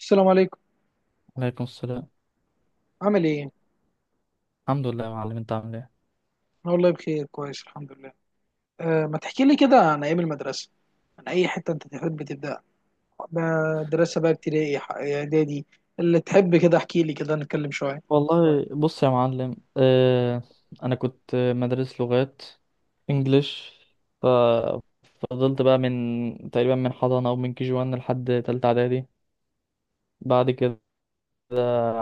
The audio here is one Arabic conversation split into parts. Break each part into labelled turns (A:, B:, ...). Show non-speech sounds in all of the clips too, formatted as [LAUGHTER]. A: السلام عليكم.
B: عليكم السلام.
A: عامل ايه؟
B: الحمد لله يا معلم، انت عامل ايه؟
A: أنا والله بخير كويس الحمد لله. ما تحكي لي كده عن ايام المدرسه، عن اي حته انت تحب تبدا. مدرسه بقى، ابتدائي، اعدادي، اللي تحب، كده احكي لي، كده نتكلم شويه.
B: والله بص يا معلم، اه انا كنت مدرس لغات، انجليش. ففضلت بقى من تقريبا، من حضانة او من كي جي 1 لحد تالتة اعدادي. بعد كده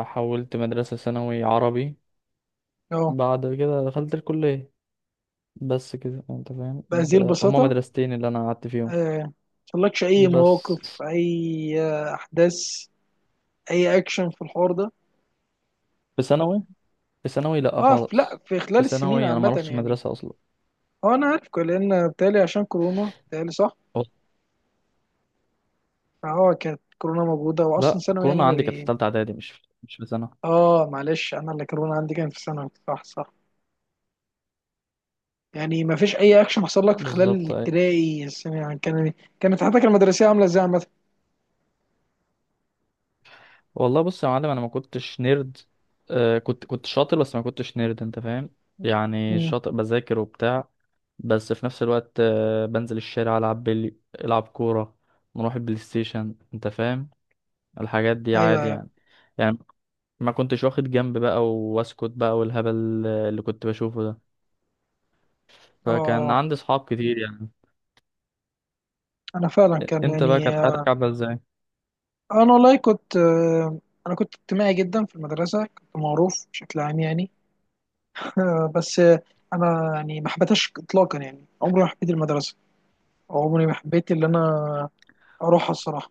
B: حولت مدرسة ثانوي عربي.
A: اه،
B: بعد كده دخلت الكلية. بس كده انت فاهم،
A: بهذه
B: ده هما
A: البساطه؟
B: مدرستين اللي انا قعدت فيهم.
A: أه، مطلقش اي
B: بس
A: مواقف، اي احداث، اي اكشن في الحوار ده؟
B: في ثانوي، في ثانوي لا
A: اه، في لا
B: خالص.
A: في،
B: في
A: خلال السنين
B: ثانوي انا ما
A: عامه
B: رحتش
A: يعني.
B: مدرسة اصلا.
A: هو انا عارف لان بتالي عشان كورونا بتالي، صح؟ فهو كانت كورونا موجوده واصلا
B: لا
A: ثانوي يعني
B: كورونا
A: ما
B: عندي كانت في
A: بي
B: ثالثه اعدادي، مش مش في سنه
A: اه معلش، انا اللي كورونا عندي كان في ثانوي، صح صح. يعني ما فيش اي اكشن حصل لك في خلال
B: بالظبط، اي.
A: الابتدائي، السنه يعني كان، كانت حياتك المدرسيه عامله ازاي عامه؟
B: والله بص يا معلم، انا ما كنتش نيرد. آه كنت شاطر، بس ما كنتش نيرد انت فاهم. يعني
A: امم.
B: شاطر، بذاكر وبتاع. بس في نفس الوقت بنزل الشارع، العب بلي، العب كوره، نروح البلاي ستيشن انت فاهم. الحاجات دي
A: ايوه
B: عادي
A: ايوه.
B: يعني. يعني ما كنتش واخد جنب بقى واسكت بقى والهبل، اللي كنت بشوفه ده.
A: اه
B: فكان عندي صحاب كتير يعني.
A: انا فعلا كان
B: انت بقى
A: يعني
B: كانت حياتك عامله ازاي؟
A: انا والله كنت انا كنت اجتماعي جدا في المدرسه، كنت معروف بشكل عام يعني. [LAUGHS] بس انا يعني ما حبيتهاش اطلاقا، يعني عمري ما حبيت المدرسه، عمري ما حبيت اللي انا اروحها الصراحه.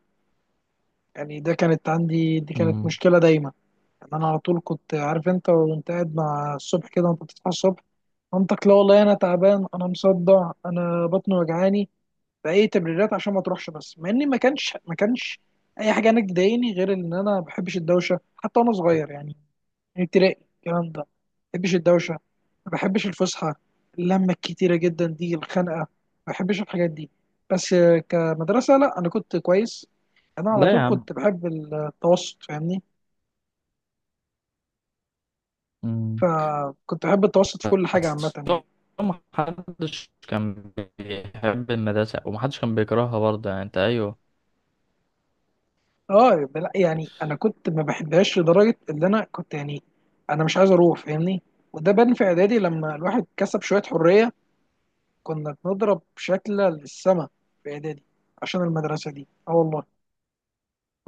A: يعني ده كانت عندي، دي كانت
B: امم
A: مشكله دايما. يعني انا على طول كنت عارف، انت وانت قاعد مع الصبح كده وانت بتصحى الصبح، مامتك، لا والله انا تعبان، انا مصدع، انا بطني وجعاني، باي تبريرات عشان ما تروحش. بس مع اني ما كانش اي حاجه انا تضايقني، غير ان انا ما بحبش الدوشه حتى وانا صغير يعني، من ابتدائي الكلام ده. ما بحبش الدوشه، ما بحبش الفسحه، اللمه الكتيره جدا دي، الخنقه، ما بحبش الحاجات دي. بس كمدرسه لا انا كنت كويس. انا على
B: لا يا
A: طول
B: عم.
A: كنت بحب التوسط، فاهمني؟
B: مم.
A: فكنت احب التوسط في كل حاجه عامه
B: بس
A: يعني.
B: هو محدش كان بيحب المدرسة، ومحدش كان بيكرهها برضه يعني، انت ايوه.
A: اه يعني انا كنت ما بحبهاش لدرجه اللي انا كنت يعني، انا مش عايز اروح فاهمني. وده بان في اعدادي لما الواحد كسب شويه حريه، كنا بنضرب شكل للسما في اعدادي عشان المدرسه دي. اه والله،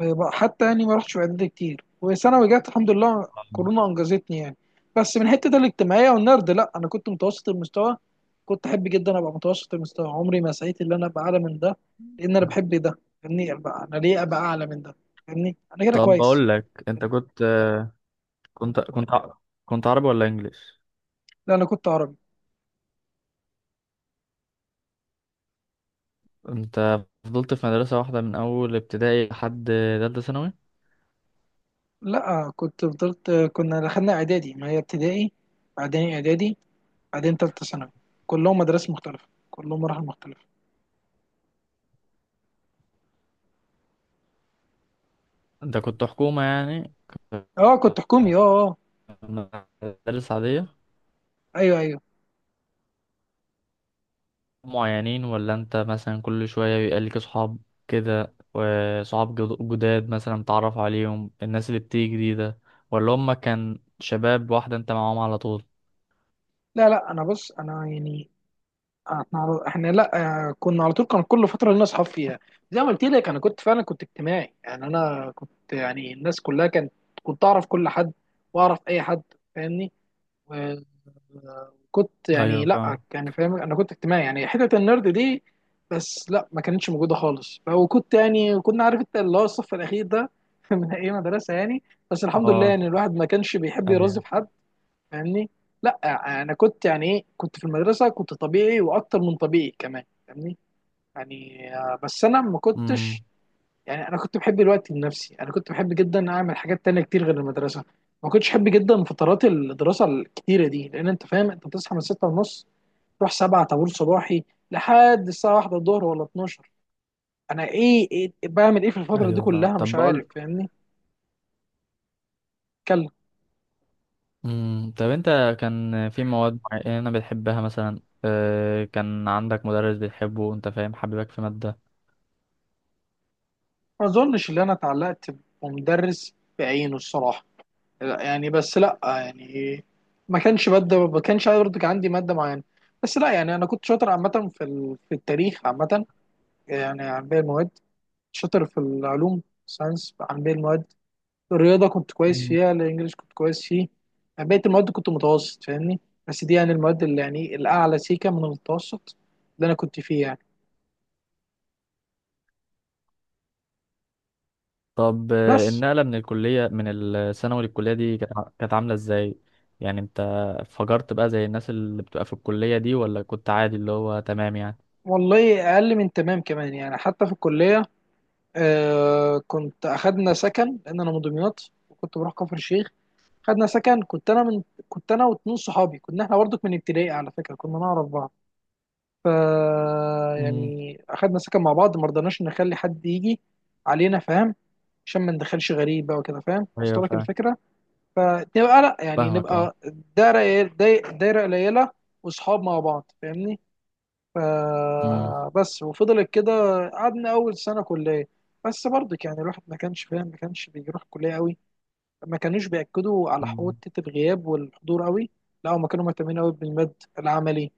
A: يبقى حتى يعني ما رحتش في اعدادي كتير، وثانوي جت الحمد لله كورونا انجزتني يعني. بس من حته الاجتماعيه والنرد، لا انا كنت متوسط المستوى، كنت احب جدا ابقى متوسط المستوى، عمري ما سعيت ان انا ابقى اعلى من ده، لان انا بحب ده فاهمني، ابقى انا ليه ابقى اعلى من ده؟ فاهمني، انا كده
B: طب
A: كويس.
B: بقول لك، انت كنت كنت ع- كنت عربي ولا انجليش؟
A: لا انا كنت عربي.
B: انت فضلت في مدرسة واحدة من اول ابتدائي لحد تالتة ثانوي؟
A: لا كنت فضلت، كنا دخلنا اعدادي، ما هي ابتدائي بعدين اعدادي بعدين ثالثه ثانوي، كلهم مدارس مختلفه كلهم مراحل مختلفه.
B: انت كنت حكومة يعني؟
A: اه كنت حكومي اه اه.
B: مدارس عادية؟
A: ايوه ايوه.
B: معينين، ولا انت مثلا كل شوية بيبقى ليك صحاب كده، وصحاب جداد مثلا تعرف عليهم، الناس اللي بتيجي جديدة، ولا هما كان شباب واحدة انت معاهم على طول؟
A: لا لا، انا بص، انا يعني احنا على- احنا لا كنا على طول كان كل فتره لنا اصحاب فيها، زي ما قلت لك انا كنت فعلا كنت اجتماعي، يعني انا كنت يعني الناس كلها كانت، كنت اعرف كل حد واعرف اي حد فاهمني. و- وكنت يعني
B: ايوه
A: لا
B: فاهم.
A: يعني فاهم انا كنت اجتماعي، يعني حته النرد دي بس لا ما كانتش موجوده خالص. وكنت يعني كنا عارف انت اللي هو الصف الاخير ده [LAUGHS] من اي مدرسه يعني، بس الحمد لله
B: اه
A: يعني الواحد ما كانش بيحب يرازي
B: ايوه.
A: في حد. فاهمني؟ لا انا كنت يعني ايه، كنت في المدرسه كنت طبيعي واكتر من طبيعي كمان فاهمني. يعني بس انا ما كنتش
B: امم.
A: يعني، انا كنت بحب الوقت لنفسي، انا كنت بحب جدا اعمل حاجات تانية كتير غير المدرسه. ما كنتش بحب جدا فترات الدراسه الكتيره دي، لان انت فاهم انت بتصحى من 6 ونص، تروح 7 طابور صباحي لحد الساعه 1 الظهر ولا 12. انا إيه بعمل ايه في الفتره دي
B: ايوه فاهم.
A: كلها مش
B: طب
A: عارف
B: بقول،
A: فاهمني؟ اتكلم.
B: امم، طب انت كان في مواد معينة بتحبها مثلا؟ اه كان عندك مدرس بتحبه انت فاهم، حبيبك في مادة؟
A: ما اظنش ان انا اتعلقت بمدرس بعينه الصراحه. لا يعني، بس لا يعني ما كانش ماده، ما كانش برضه كان عندي ماده معينه. بس لا يعني انا كنت شاطر عامه في في التاريخ عامه يعني عن باقي المواد، شاطر في العلوم ساينس عن باقي المواد، الرياضه كنت كويس فيها، الانجليش كنت كويس فيه، يعني بقيه المواد كنت متوسط فاهمني. بس دي يعني المواد اللي يعني الاعلى سيكه من المتوسط اللي انا كنت فيه يعني.
B: طب
A: بس
B: النقلة من الكلية من الثانوي للكلية دي كانت كانت عاملة ازاي؟ يعني انت فجرت بقى زي الناس اللي بتبقى في الكلية دي، ولا كنت عادي اللي هو تمام يعني؟
A: والله اقل من تمام كمان يعني حتى في الكليه. آه كنت، اخدنا سكن لان انا من دمياط وكنت بروح كفر الشيخ، خدنا سكن، كنت انا من، كنت انا واتنين صحابي، كنا احنا برضك من ابتدائي على فكره كنا نعرف بعض. ف،
B: امم.
A: يعني اخدنا سكن مع بعض، ما رضناش نخلي حد يجي علينا فاهم، عشان ما ندخلش غريب بقى وكده فاهم،
B: ايوه
A: وصل لك
B: فاهم.
A: الفكره. فنبقى لا يعني
B: فاهمك اه.
A: نبقى دايره دايره قليله، واصحاب مع بعض فاهمني.
B: امم.
A: فبس، وفضلت كده، قعدنا اول سنه كليه. بس برضك يعني الواحد ما كانش فاهم، ما كانش بيروح كليه قوي، ما كانوش بياكدوا على
B: مم.
A: حته الغياب والحضور قوي. لا هم كانوا مهتمين قوي بالمد، العملي،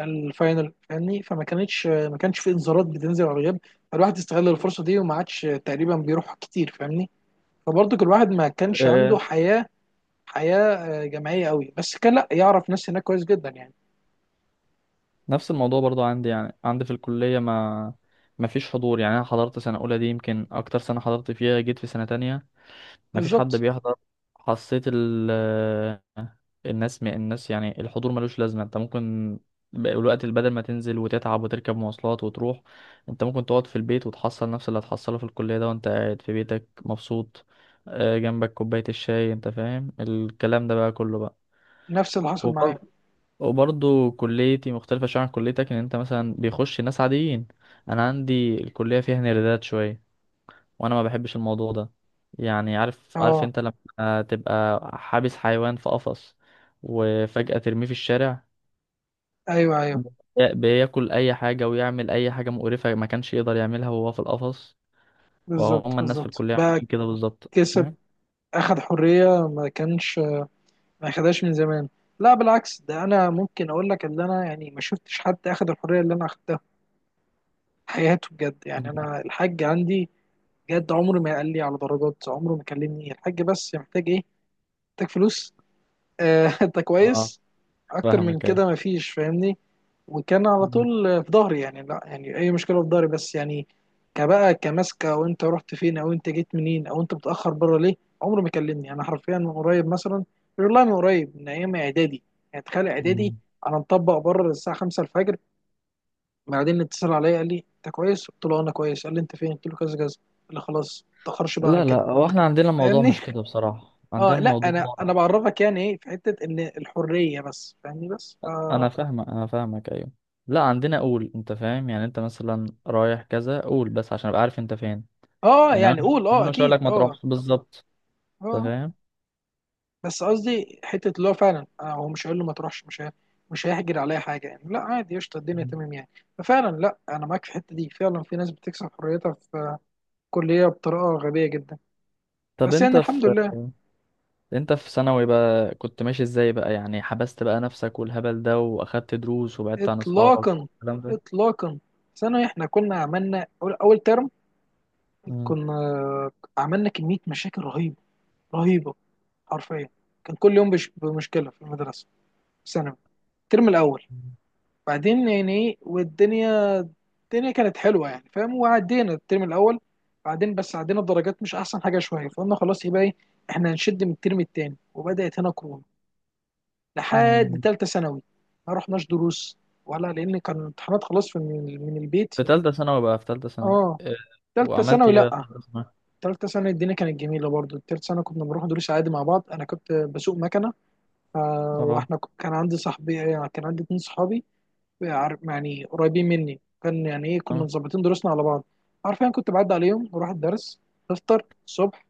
A: الفاينل فاهمني، فما كانتش ما كانش في انذارات بتنزل على الغياب، فالواحد استغل الفرصه دي وما عادش تقريبا بيروح كتير فاهمني. فبرضك الواحد ما كانش عنده
B: آه،
A: حياه، حياه جماعيه قوي، بس كان لا يعرف ناس هناك كويس جدا يعني.
B: نفس الموضوع برضو عندي. يعني عندي في الكلية ما فيش حضور. يعني انا حضرت سنة اولى، دي يمكن اكتر سنة حضرت فيها، جيت في سنة تانية مفيش حد
A: بالظبط
B: بيحضر. حسيت الناس الناس يعني الحضور ملوش لازمة. انت ممكن، الوقت اللي بدل ما تنزل وتتعب وتركب مواصلات وتروح، انت ممكن تقعد في البيت وتحصل نفس اللي هتحصله في الكلية ده وانت قاعد في بيتك مبسوط، جنبك كوباية الشاي، انت فاهم الكلام ده بقى كله بقى.
A: نفس اللي حصل معايا.
B: وبر- وبرضه كليتي مختلفة شوية عن كليتك، ان انت مثلا بيخش ناس عاديين، انا عندي الكلية فيها نيردات شوية، وانا ما بحبش الموضوع ده. يعني عارف، عارف
A: اه
B: انت لما تبقى حابس حيوان في قفص وفجأة ترميه في الشارع،
A: ايوه ايوه.
B: بياكل اي حاجة ويعمل اي حاجة مقرفة ما كانش يقدر يعملها وهو في القفص.
A: بالظبط
B: وهم الناس في
A: بالظبط
B: الكلية
A: بقى.
B: عاملين كده بالظبط،
A: كسب،
B: فاهم.
A: اخد حريه ما كانش ما خدهاش من زمان. لا بالعكس، ده انا ممكن اقول لك ان انا يعني ما شفتش حد اخد الحريه اللي انا اخدتها في حياته بجد،
B: مم.
A: يعني انا الحاج عندي بجد عمره ما قال لي على درجات، عمره ما كلمني الحاج بس محتاج ايه، محتاج فلوس آه [LAUGHS] انت
B: اه
A: كويس، اكتر من
B: فاهمك، ايوه.
A: كده ما فيش فاهمني. وكان على
B: مم.
A: طول في ظهري، يعني لا يعني اي مشكله في ظهري بس يعني كبقى كماسكه، او انت رحت فين او انت جيت منين او انت متاخر بره ليه. عمره ما كلمني انا حرفيا من قريب مثلا، والله من قريب من ايام اعدادي، يعني تخيل اعدادي.
B: مم.
A: انا مطبق بره الساعه 5 الفجر، بعدين اتصل عليا قال لي انت كويس، قلت له انا كويس، قال لي انت فين، قلت له كذا كذا، قال لي خلاص ما تاخرش بقى عن
B: لا لا،
A: كده.
B: هو احنا عندنا الموضوع
A: فاهمني؟
B: مش
A: [LAUGHS]
B: كده بصراحة. عندنا
A: اه لا
B: الموضوع،
A: انا انا بعرفك يعني ايه في حته ان الحريه بس فاهمني بس ف.
B: انا فاهمك، انا فاهمك ايوه، لا عندنا قول انت فاهم، يعني انت مثلا رايح كذا قول، بس عشان ابقى عارف انت فين.
A: اه
B: ان انا،
A: يعني قول
B: إن
A: اه
B: انا مش هقول
A: اكيد
B: لك ما
A: اه.
B: تروحش بالظبط، انت
A: اه
B: فاهم.
A: بس قصدي حته اللي هو فعلا هو مش هيقول له ما تروحش، مش هيحجر عليا حاجه، يعني لا عادي قشطه الدنيا
B: مم.
A: تمام يعني. ففعلا لا انا معاك في الحته دي، فعلا في ناس بتكسب حريتها في كليه بطريقه غبيه جدا،
B: طب
A: بس
B: انت
A: يعني الحمد
B: في،
A: لله.
B: انت في ثانوي بقى كنت ماشي ازاي بقى؟ يعني حبست بقى نفسك والهبل ده واخدت دروس وبعدت عن اصحابك
A: اطلاقا،
B: والكلام ده؟
A: اطلاقا. ثانوي احنا كنا عملنا اول ترم،
B: مم.
A: كنا عملنا كميه مشاكل رهيبه، رهيبه، حرفيا كان كل يوم بمشكله في المدرسه في ثانوي الترم الاول. بعدين يعني ايه والدنيا، الدنيا كانت حلوه يعني فاهم، وعدينا الترم الاول. بعدين بس عدينا الدرجات مش احسن حاجه شويه، فقلنا خلاص يبقى ايه، احنا هنشد من الترم التاني، وبدات هنا كورونا لحد
B: مم.
A: ثالثه ثانوي. ما رحناش دروس ولا، لان كان امتحانات خلاص في من البيت.
B: في تالتة ثانوي بقى، في تالتة ثانوي
A: اه
B: إيه،
A: ثالثه
B: وعملت
A: ثانوي
B: ايه بقى في
A: لا،
B: تالتة ثانوي؟
A: ثالثه ثانوي الدنيا كانت جميله برضو. ثالثه ثانوي كنا بنروح دروس عادي مع بعض، انا كنت بسوق مكنه،
B: اه.
A: واحنا كان عندي صاحبي، كان عندي اتنين صحابي عارف يعني قريبين مني، كان يعني ايه كنا
B: آه.
A: مظبطين دروسنا على بعض، عارفين. كنت بعدي عليهم بروح الدرس، نفطر الصبح،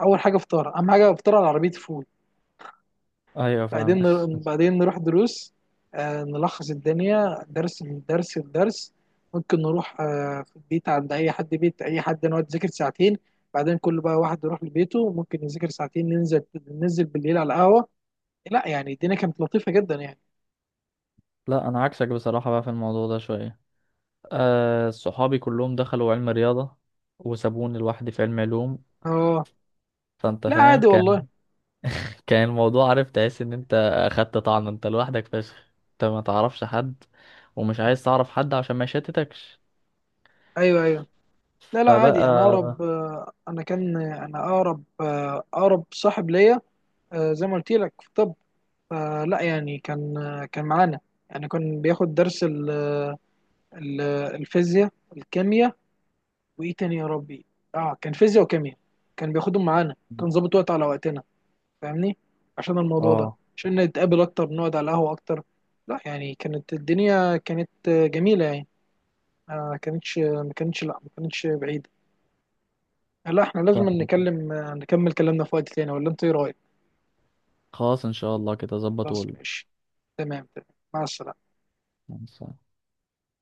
A: اول حاجه فطار اهم حاجه، فطار على عربيه فول.
B: ايوه فاهم.
A: بعدين نروح دروس، آه نلخص الدنيا درس من درس لدرس. ممكن نروح آه في البيت عند اي حد، بيت اي حد نقعد نذاكر ساعتين، بعدين كل بقى واحد يروح لبيته ممكن يذاكر ساعتين، ننزل ننزل بالليل على قهوه. لا يعني الدنيا كانت لطيفه جدا يعني.
B: [LAUGHS] لا انا عكسك بصراحة بقى في الموضوع ده شوية. آه صحابي كلهم دخلوا علم رياضة، وسابوني لوحدي في علم علوم.
A: اه
B: فانت
A: لا
B: فاهم
A: عادي والله.
B: كان، كان الموضوع عارف، تحس ان انت اخدت طعن، انت لوحدك فشخ، انت ما تعرفش حد ومش عايز تعرف حد عشان ما يشتتكش.
A: ايوه ايوه. لا لا
B: فبقى
A: عادي، انا اقرب انا كان انا اقرب اقرب صاحب ليا زي ما قلت لك في طب. فلا يعني كان كان معانا، يعني كان بياخد درس ال- الفيزياء الكيمياء، وايه تاني يا ربي، اه كان فيزياء وكيمياء، كان بياخدهم معانا، كان ظابط وقت على وقتنا فاهمني، عشان الموضوع ده،
B: اه.
A: عشان نتقابل اكتر نقعد على القهوة اكتر. لا يعني كانت الدنيا كانت جميلة يعني. ما كانتش ما كانتش، لا ما كانتش بعيدة. لا احنا لازم
B: فاهم.
A: نكمل كلامنا في وقت تاني، ولا انت ايه رايك؟
B: خلاص ان شاء الله كده ظبط.
A: خلاص ماشي، تمام تمام، مع السلامه.
B: وقول